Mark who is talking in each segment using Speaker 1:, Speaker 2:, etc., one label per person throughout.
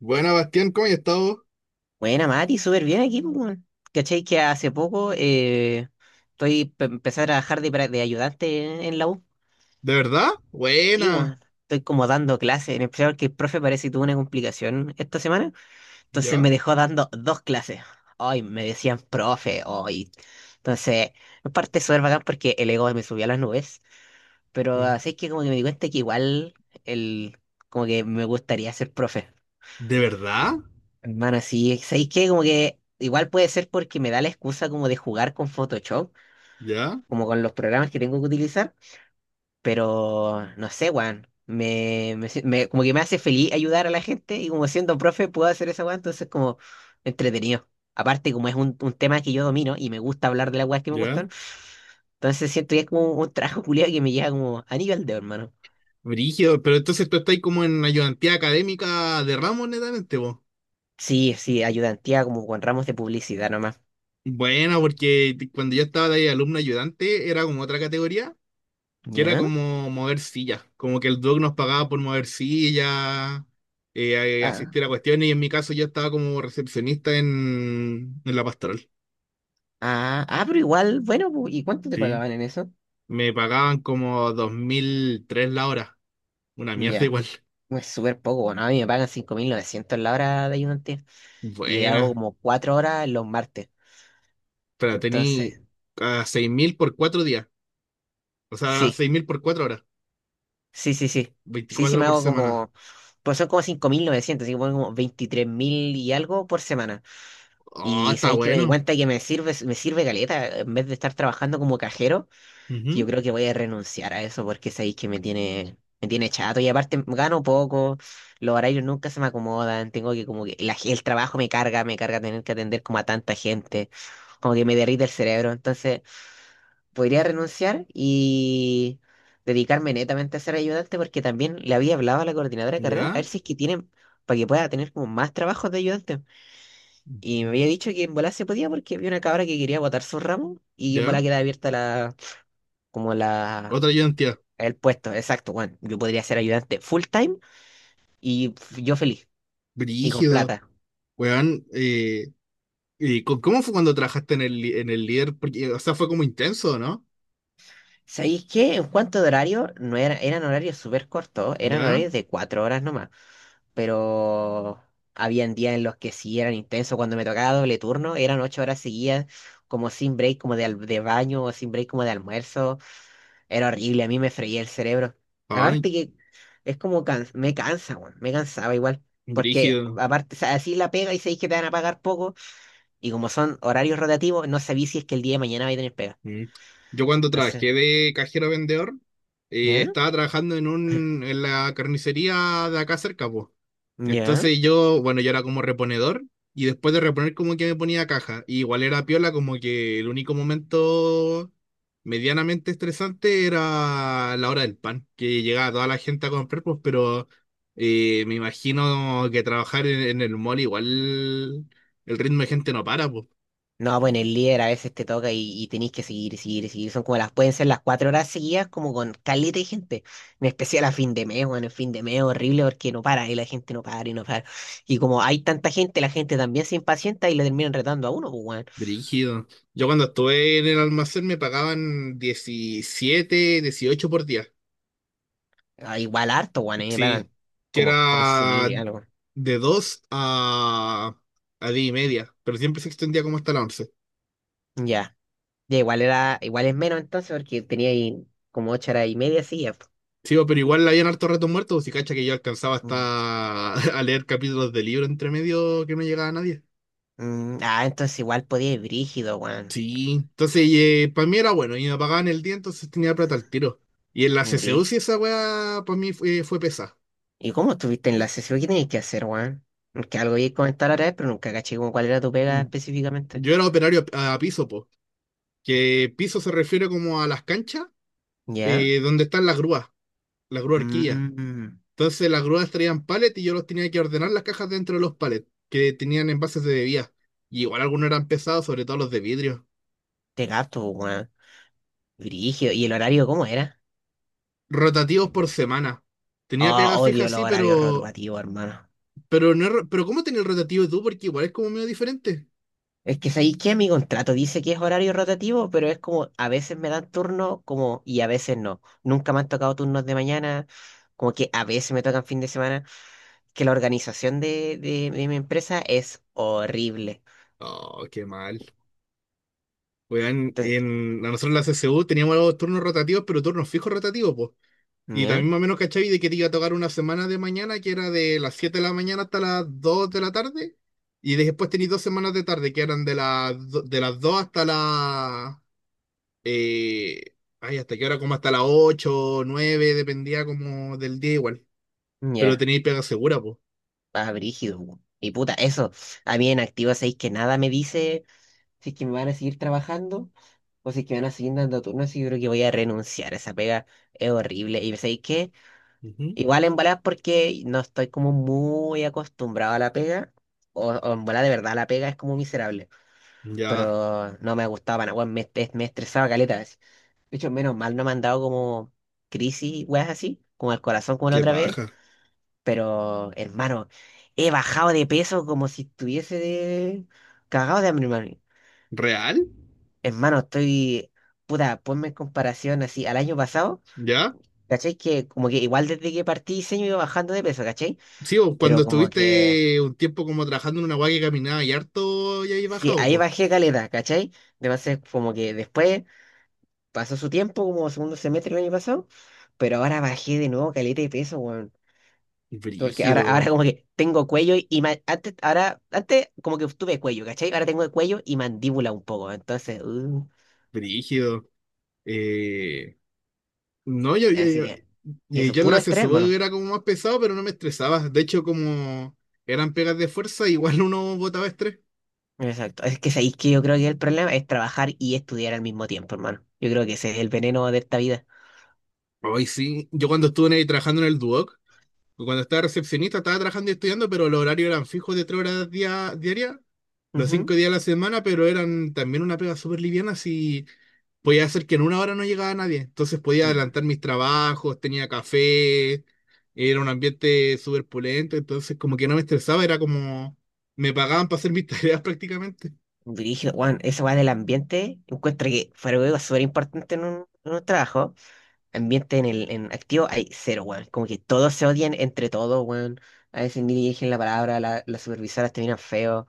Speaker 1: Buena, Bastián, ¿cómo has estado?
Speaker 2: Buena, Mati, súper bien aquí, pues, weón. ¿Cachai? Que hace poco empecé a trabajar de ayudante en la U.
Speaker 1: ¿De verdad?
Speaker 2: Sí,
Speaker 1: Buena.
Speaker 2: weón. Estoy como dando clases, en especial porque el profe parece que tuvo una complicación esta semana. Entonces
Speaker 1: ¿Ya?
Speaker 2: me dejó dando dos clases. Ay, me decían profe, hoy. Entonces, en parte súper bacán porque el ego me subió a las nubes. Pero
Speaker 1: Ujú.
Speaker 2: así es que como que me di cuenta que igual el, como que me gustaría ser profe.
Speaker 1: ¿De verdad?
Speaker 2: Hermano, sí, ¿sabéis qué? Como que igual puede ser porque me da la excusa como de jugar con Photoshop,
Speaker 1: ¿Ya?
Speaker 2: como con los programas que tengo que utilizar, pero no sé, Juan, me si- me- como que me hace feliz ayudar a la gente y como siendo profe puedo hacer esa weá, entonces como entretenido. Aparte, como es un tema que yo domino y me gusta hablar de las weas que me
Speaker 1: ¿Ya?
Speaker 2: gustan, entonces siento que es como un trabajo culiado que me llega como a nivel de hermano.
Speaker 1: Brígido, pero entonces tú estás como en ayudantía académica de ramos, netamente, vos.
Speaker 2: Sí, sí, ayudantía como con ramos de publicidad nomás.
Speaker 1: Buena, porque cuando yo estaba de ahí alumno ayudante, era como otra categoría, que era
Speaker 2: ¿Ya?
Speaker 1: como mover sillas, como que el doc nos pagaba por mover sillas, asistir a cuestiones, y en mi caso yo estaba como recepcionista en la pastoral.
Speaker 2: Ah, ah, pero igual, bueno, ¿y cuánto te
Speaker 1: Sí.
Speaker 2: pagaban en eso?
Speaker 1: Me pagaban como 2003 la hora. Una mierda
Speaker 2: Ya,
Speaker 1: igual.
Speaker 2: es súper poco, bueno, a mí me pagan 5.900 la hora de ayudante y hago
Speaker 1: Buena.
Speaker 2: como 4 horas los martes.
Speaker 1: Pero tení
Speaker 2: Entonces,
Speaker 1: a 6000 por 4 días. O sea,
Speaker 2: sí,
Speaker 1: 6000 por 4 horas.
Speaker 2: sí, sí, sí. Sí, sí,
Speaker 1: 24
Speaker 2: me
Speaker 1: por
Speaker 2: hago
Speaker 1: semana.
Speaker 2: como, pues son como 5.900 así que pongo como 23.000 y algo por semana.
Speaker 1: Oh,
Speaker 2: Y
Speaker 1: está
Speaker 2: sabéis que me di
Speaker 1: bueno.
Speaker 2: cuenta que me sirve caleta, en vez de estar trabajando como cajero, que yo
Speaker 1: Ujú,
Speaker 2: creo que voy a renunciar a eso porque sabéis que me tiene chato y aparte gano poco, los horarios nunca se me acomodan, tengo que como que el trabajo me carga tener que atender como a tanta gente, como que me derrite el cerebro, entonces podría renunciar y dedicarme netamente a ser ayudante porque también le había hablado a la coordinadora de carrera a
Speaker 1: ya.
Speaker 2: ver si es que tienen para que pueda tener como más trabajos de ayudante. Y me
Speaker 1: Ujú,
Speaker 2: había dicho que en bola se podía porque había una cabra que quería botar su ramo y en bola
Speaker 1: ya.
Speaker 2: queda abierta la como la
Speaker 1: Otra ayudantía.
Speaker 2: el puesto, exacto, bueno, yo podría ser ayudante full time y yo feliz y con
Speaker 1: Brígido.
Speaker 2: plata.
Speaker 1: Weón. ¿Y cómo fue cuando trabajaste en en el líder? Porque, o sea, fue como intenso, ¿no?
Speaker 2: ¿Sabéis qué? En cuanto de horario, no era, eran horarios súper cortos, eran
Speaker 1: Ya.
Speaker 2: horarios de 4 horas nomás, pero habían días en los que sí eran intensos, cuando me tocaba doble turno, eran 8 horas seguidas, como sin break como de baño o sin break como de almuerzo, era horrible, a mí me freía el cerebro.
Speaker 1: Ay,
Speaker 2: Aparte que es como me cansa, weón, me cansaba igual, porque
Speaker 1: brígido.
Speaker 2: aparte, o sea, así la pega y sabéis que te van a pagar poco. Y como son horarios rotativos, no sabí si es que el día de mañana vais a tener pega.
Speaker 1: Mm. Yo cuando
Speaker 2: Entonces,
Speaker 1: trabajé de cajero vendedor,
Speaker 2: ¿ya?
Speaker 1: estaba trabajando en en la carnicería de acá cerca, pues.
Speaker 2: ¿Ya?
Speaker 1: Entonces yo, bueno, yo era como reponedor y después de reponer como que me ponía caja. Y igual era piola, como que el único momento medianamente estresante era la hora del pan, que llegaba toda la gente a comprar, pues, pero me imagino que trabajar en el mall igual el ritmo de gente no para, pues.
Speaker 2: No, bueno, el líder a veces te toca y tenéis que seguir, y seguir, y seguir. Son como pueden ser las 4 horas seguidas, como con caleta de gente. En especial a fin de mes, bueno, el fin de mes es horrible porque no para, y la gente no para, y no para. Y como hay tanta gente, la gente también se impacienta y le terminan retando a uno, pues, weón.
Speaker 1: Brígido. Yo cuando estuve en el almacén me pagaban 17 18 por día.
Speaker 2: Ah, igual harto, weón, a mí me pagan
Speaker 1: Sí, que
Speaker 2: como 11.000
Speaker 1: era
Speaker 2: y algo.
Speaker 1: de 2 a 10 y media, pero siempre se extendía como hasta las 11.
Speaker 2: Ya, ya, igual es menos entonces porque tenía ahí como 8 horas y media seguidas, pues.
Speaker 1: Sí, bo, pero igual habían hartos ratos muertos, si cacha que yo alcanzaba
Speaker 2: Mm.
Speaker 1: hasta a leer capítulos de libro entre medio que no llegaba nadie.
Speaker 2: Ah, entonces igual podía ir brígido, weón.
Speaker 1: Sí, entonces para mí era bueno, y me pagaban el día, entonces tenía plata al tiro. Y en la
Speaker 2: Brí.
Speaker 1: CCU sí esa weá para mí fue pesada.
Speaker 2: ¿Y cómo estuviste en la sesión? ¿Qué tenías que hacer, weón? Que algo iba a comentar ahora, pero nunca caché como cuál era tu pega
Speaker 1: Mm,
Speaker 2: específicamente.
Speaker 1: yo era operario a piso, po, que piso se refiere como a las canchas,
Speaker 2: ¿Ya?
Speaker 1: donde están las grúas, las grúas.
Speaker 2: Mm,
Speaker 1: Entonces las grúas traían palets y yo los tenía que ordenar las cajas dentro de los palets, que tenían envases de bebidas. Y igual algunos eran pesados, sobre todo los de vidrio.
Speaker 2: te gato, weón. Brígido. ¿Y el horario cómo era?
Speaker 1: Rotativos por semana. Tenía pega
Speaker 2: Oh,
Speaker 1: fija,
Speaker 2: odio los
Speaker 1: sí,
Speaker 2: horarios
Speaker 1: pero.
Speaker 2: rotativos, hermano.
Speaker 1: Pero no. Pero, ¿cómo tenía el rotativo tú? Porque igual es como medio diferente.
Speaker 2: Es que sabéis que mi contrato dice que es horario rotativo, pero es como a veces me dan turno como y a veces no. Nunca me han tocado turnos de mañana, como que a veces me tocan fin de semana, que la organización de mi empresa es horrible.
Speaker 1: Oh, qué mal. Weón,
Speaker 2: Entonces,
Speaker 1: a nosotros en la CCU teníamos los turnos rotativos, pero turnos fijos rotativos, pues. Y
Speaker 2: ya,
Speaker 1: también más o menos cachai de que te iba a tocar una semana de mañana que era de las 7 de la mañana hasta las 2 de la tarde. Y después tenéis 2 semanas de tarde que eran de de las 2 eh, ay, ¿hasta qué hora? Como hasta las ocho nueve, dependía como del día igual. Pero
Speaker 2: ya,
Speaker 1: tenéis pega segura, pues.
Speaker 2: ah, brígido. Po. Y puta, eso, a mí en activo sabéis que nada me dice si es que me van a seguir trabajando o si es que me van a seguir dando turnos y yo creo que voy a renunciar. Esa pega es horrible. Y sabéis que igual en bola porque no estoy como muy acostumbrado a la pega o en bola de verdad la pega es como miserable.
Speaker 1: Ya,
Speaker 2: Pero no me gustaba, para nada, weón, me estresaba caleta. De hecho, menos mal no me han dado como crisis, weas así, como el corazón como la
Speaker 1: qué
Speaker 2: otra vez.
Speaker 1: paja.
Speaker 2: Pero, hermano, he bajado de peso como si estuviese de cagado de hambre, hermano.
Speaker 1: ¿Real?
Speaker 2: Hermano, estoy. Puta, ponme en comparación así al año pasado.
Speaker 1: ¿Ya?
Speaker 2: ¿Cachai? Que como que igual desde que partí diseño iba bajando de peso, ¿cachai?
Speaker 1: Sí, o cuando
Speaker 2: Pero como que,
Speaker 1: estuviste un tiempo como trabajando en una guay que caminaba y harto y ahí
Speaker 2: sí,
Speaker 1: bajado,
Speaker 2: ahí
Speaker 1: pues.
Speaker 2: bajé caleta, ¿cachai? Además, como que después pasó su tiempo, como segundo semestre del año pasado, pero ahora bajé de nuevo caleta de peso, weón. Porque ahora, ahora
Speaker 1: Brígido,
Speaker 2: como que tengo cuello y antes, ahora, antes como que tuve cuello, ¿cachai? Ahora tengo cuello y mandíbula un poco. Entonces,
Speaker 1: brígido. Eh, No,
Speaker 2: así que
Speaker 1: y
Speaker 2: eso,
Speaker 1: yo en
Speaker 2: puro
Speaker 1: la
Speaker 2: estrés,
Speaker 1: CSU
Speaker 2: hermano.
Speaker 1: era como más pesado, pero no me estresaba. De hecho, como eran pegas de fuerza, igual uno botaba estrés.
Speaker 2: Exacto. Es que sabéis que yo creo que el problema es trabajar y estudiar al mismo tiempo, hermano. Yo creo que ese es el veneno de esta vida.
Speaker 1: Hoy sí, yo cuando estuve ahí trabajando en el Duoc, cuando estaba recepcionista, estaba trabajando y estudiando, pero los horarios eran fijos de 3 horas diarias los
Speaker 2: Ujú.
Speaker 1: 5 días de la semana, pero eran también una pega súper liviana, si podía hacer que en una hora no llegaba nadie. Entonces podía
Speaker 2: Mm.
Speaker 1: adelantar mis trabajos, tenía café, era un ambiente súper pulento, entonces como que no me estresaba, era como me pagaban para hacer mis tareas prácticamente.
Speaker 2: Brígido, Juan, esa weá del ambiente, encuentro que fue algo súper importante en un trabajo. Ambiente en activo hay cero, weón. Como que todos se odian entre todos, weón. A veces ni dirigen la palabra, las supervisoras terminan feo.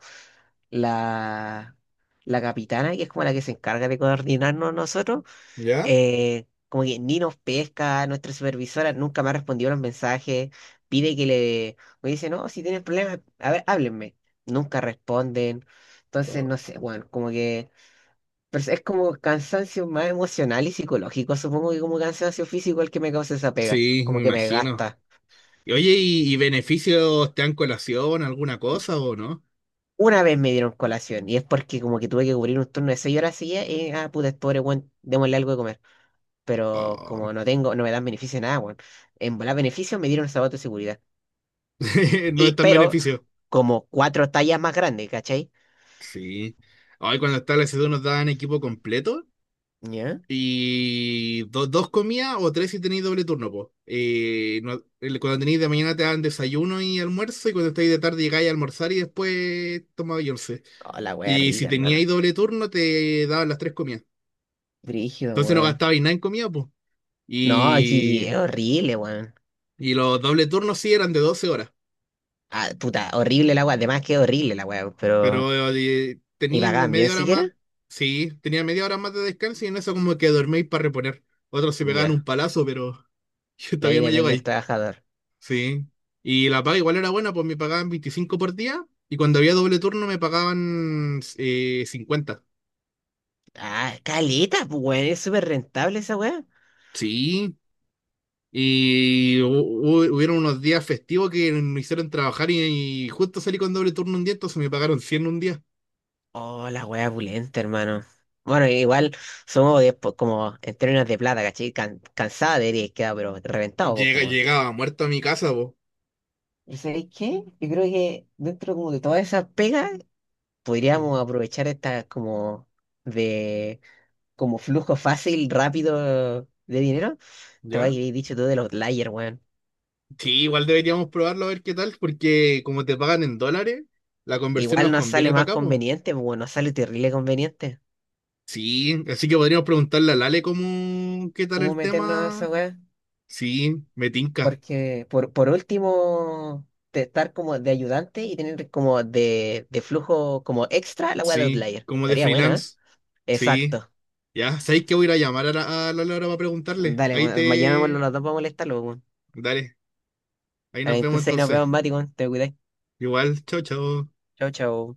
Speaker 2: La, la capitana, que es como la que se encarga de coordinarnos nosotros,
Speaker 1: ¿Ya?
Speaker 2: como que ni nos pesca, nuestra supervisora nunca me ha respondido los mensajes, pide que le. Me dice, no, si tienen problemas, a ver, háblenme. Nunca responden. Entonces,
Speaker 1: Oh.
Speaker 2: no sé, weón, como que. Pero es como cansancio más emocional y psicológico, supongo que como cansancio físico el que me causa esa pega,
Speaker 1: Sí, me
Speaker 2: como que me
Speaker 1: imagino.
Speaker 2: gasta.
Speaker 1: Y oye, y beneficios te dan colación, alguna cosa o no?
Speaker 2: Una vez me dieron colación y es porque como que tuve que cubrir un turno de 6 horas seguidas y ah, puta, este pobre weón, démosle algo de comer. Pero
Speaker 1: Oh,
Speaker 2: como no tengo, no me dan beneficio nada, weón. En volar beneficio me dieron zapatos de seguridad.
Speaker 1: no es
Speaker 2: Y,
Speaker 1: tan
Speaker 2: pero
Speaker 1: beneficio.
Speaker 2: como cuatro tallas más grandes, ¿cachai?
Speaker 1: Sí. Hoy cuando está la S2 nos dan equipo completo.
Speaker 2: ¿Ya?
Speaker 1: Y dos comidas o tres si tenéis doble turno, pues. Cuando tenéis de mañana te dan desayuno y almuerzo, y cuando estáis de tarde llegáis a almorzar y después tomabais once.
Speaker 2: Oh, la wea
Speaker 1: Y si
Speaker 2: rica, hermano.
Speaker 1: teníais doble turno te daban las tres comidas.
Speaker 2: Brígido,
Speaker 1: Entonces no
Speaker 2: weón.
Speaker 1: gastabais nada en comida, pues.
Speaker 2: No,
Speaker 1: Y,
Speaker 2: aquí es horrible, weón.
Speaker 1: y los doble turnos sí eran de 12 horas,
Speaker 2: Ah, puta, horrible la wea. Además que es horrible la wea, pero.
Speaker 1: pero
Speaker 2: ¿Y
Speaker 1: tenéis
Speaker 2: pagan bien
Speaker 1: media hora más,
Speaker 2: siquiera?
Speaker 1: sí, tenía media hora más de descanso y en eso como que dorméis para reponer. Otros se pegaban un
Speaker 2: Ya,
Speaker 1: palazo, pero yo
Speaker 2: de ahí
Speaker 1: todavía no llego
Speaker 2: depende el
Speaker 1: ahí.
Speaker 2: trabajador.
Speaker 1: Sí. Y la paga igual era buena, pues me pagaban 25 por día y cuando había doble turno me pagaban 50.
Speaker 2: Ah, caleta, pues, weón, es súper rentable esa weá.
Speaker 1: Sí. Y hubieron unos días festivos que me hicieron trabajar y justo salí con doble turno un día, entonces me pagaron 100 un día.
Speaker 2: Oh, la weá pulenta, hermano. Bueno, igual somos después como en términos de plata, ¿cachai? Cansada debería quedar, pero reventado, pues, pues, weón.
Speaker 1: Llegaba muerto a mi casa, vos.
Speaker 2: ¿Y sabéis qué? Yo creo que dentro como de todas esas pegas, podríamos aprovechar esta como de como flujo fácil, rápido de dinero. Te voy
Speaker 1: ¿Ya?
Speaker 2: a dicho todo del Outlier, weón.
Speaker 1: Sí, igual deberíamos probarlo a ver qué tal, porque como te pagan en dólares, la conversión
Speaker 2: Igual
Speaker 1: nos
Speaker 2: nos sale
Speaker 1: conviene para
Speaker 2: más
Speaker 1: acá, pues.
Speaker 2: conveniente, pues, bueno, nos sale terrible conveniente.
Speaker 1: Sí, así que podríamos preguntarle a Lale cómo, qué tal
Speaker 2: ¿Cómo
Speaker 1: el
Speaker 2: meternos a esa
Speaker 1: tema.
Speaker 2: weá?
Speaker 1: Sí, me tinca.
Speaker 2: Porque por último, de estar como de ayudante y tener como de flujo como extra la weá de
Speaker 1: Sí,
Speaker 2: Outlier.
Speaker 1: como de
Speaker 2: Estaría buena, ¿eh?
Speaker 1: freelance. Sí,
Speaker 2: Exacto.
Speaker 1: ya. ¿Sabéis que voy a ir a llamar a a la Laura para preguntarle?
Speaker 2: Dale,
Speaker 1: Ahí
Speaker 2: weón, llamémoslo
Speaker 1: te...
Speaker 2: los dos para molestarlo, weón.
Speaker 1: Dale, ahí nos
Speaker 2: Dale,
Speaker 1: vemos
Speaker 2: entonces ahí nos
Speaker 1: entonces.
Speaker 2: vemos, Mati, weón. Te cuidáis.
Speaker 1: Igual, chao, chao.
Speaker 2: Chau, chau.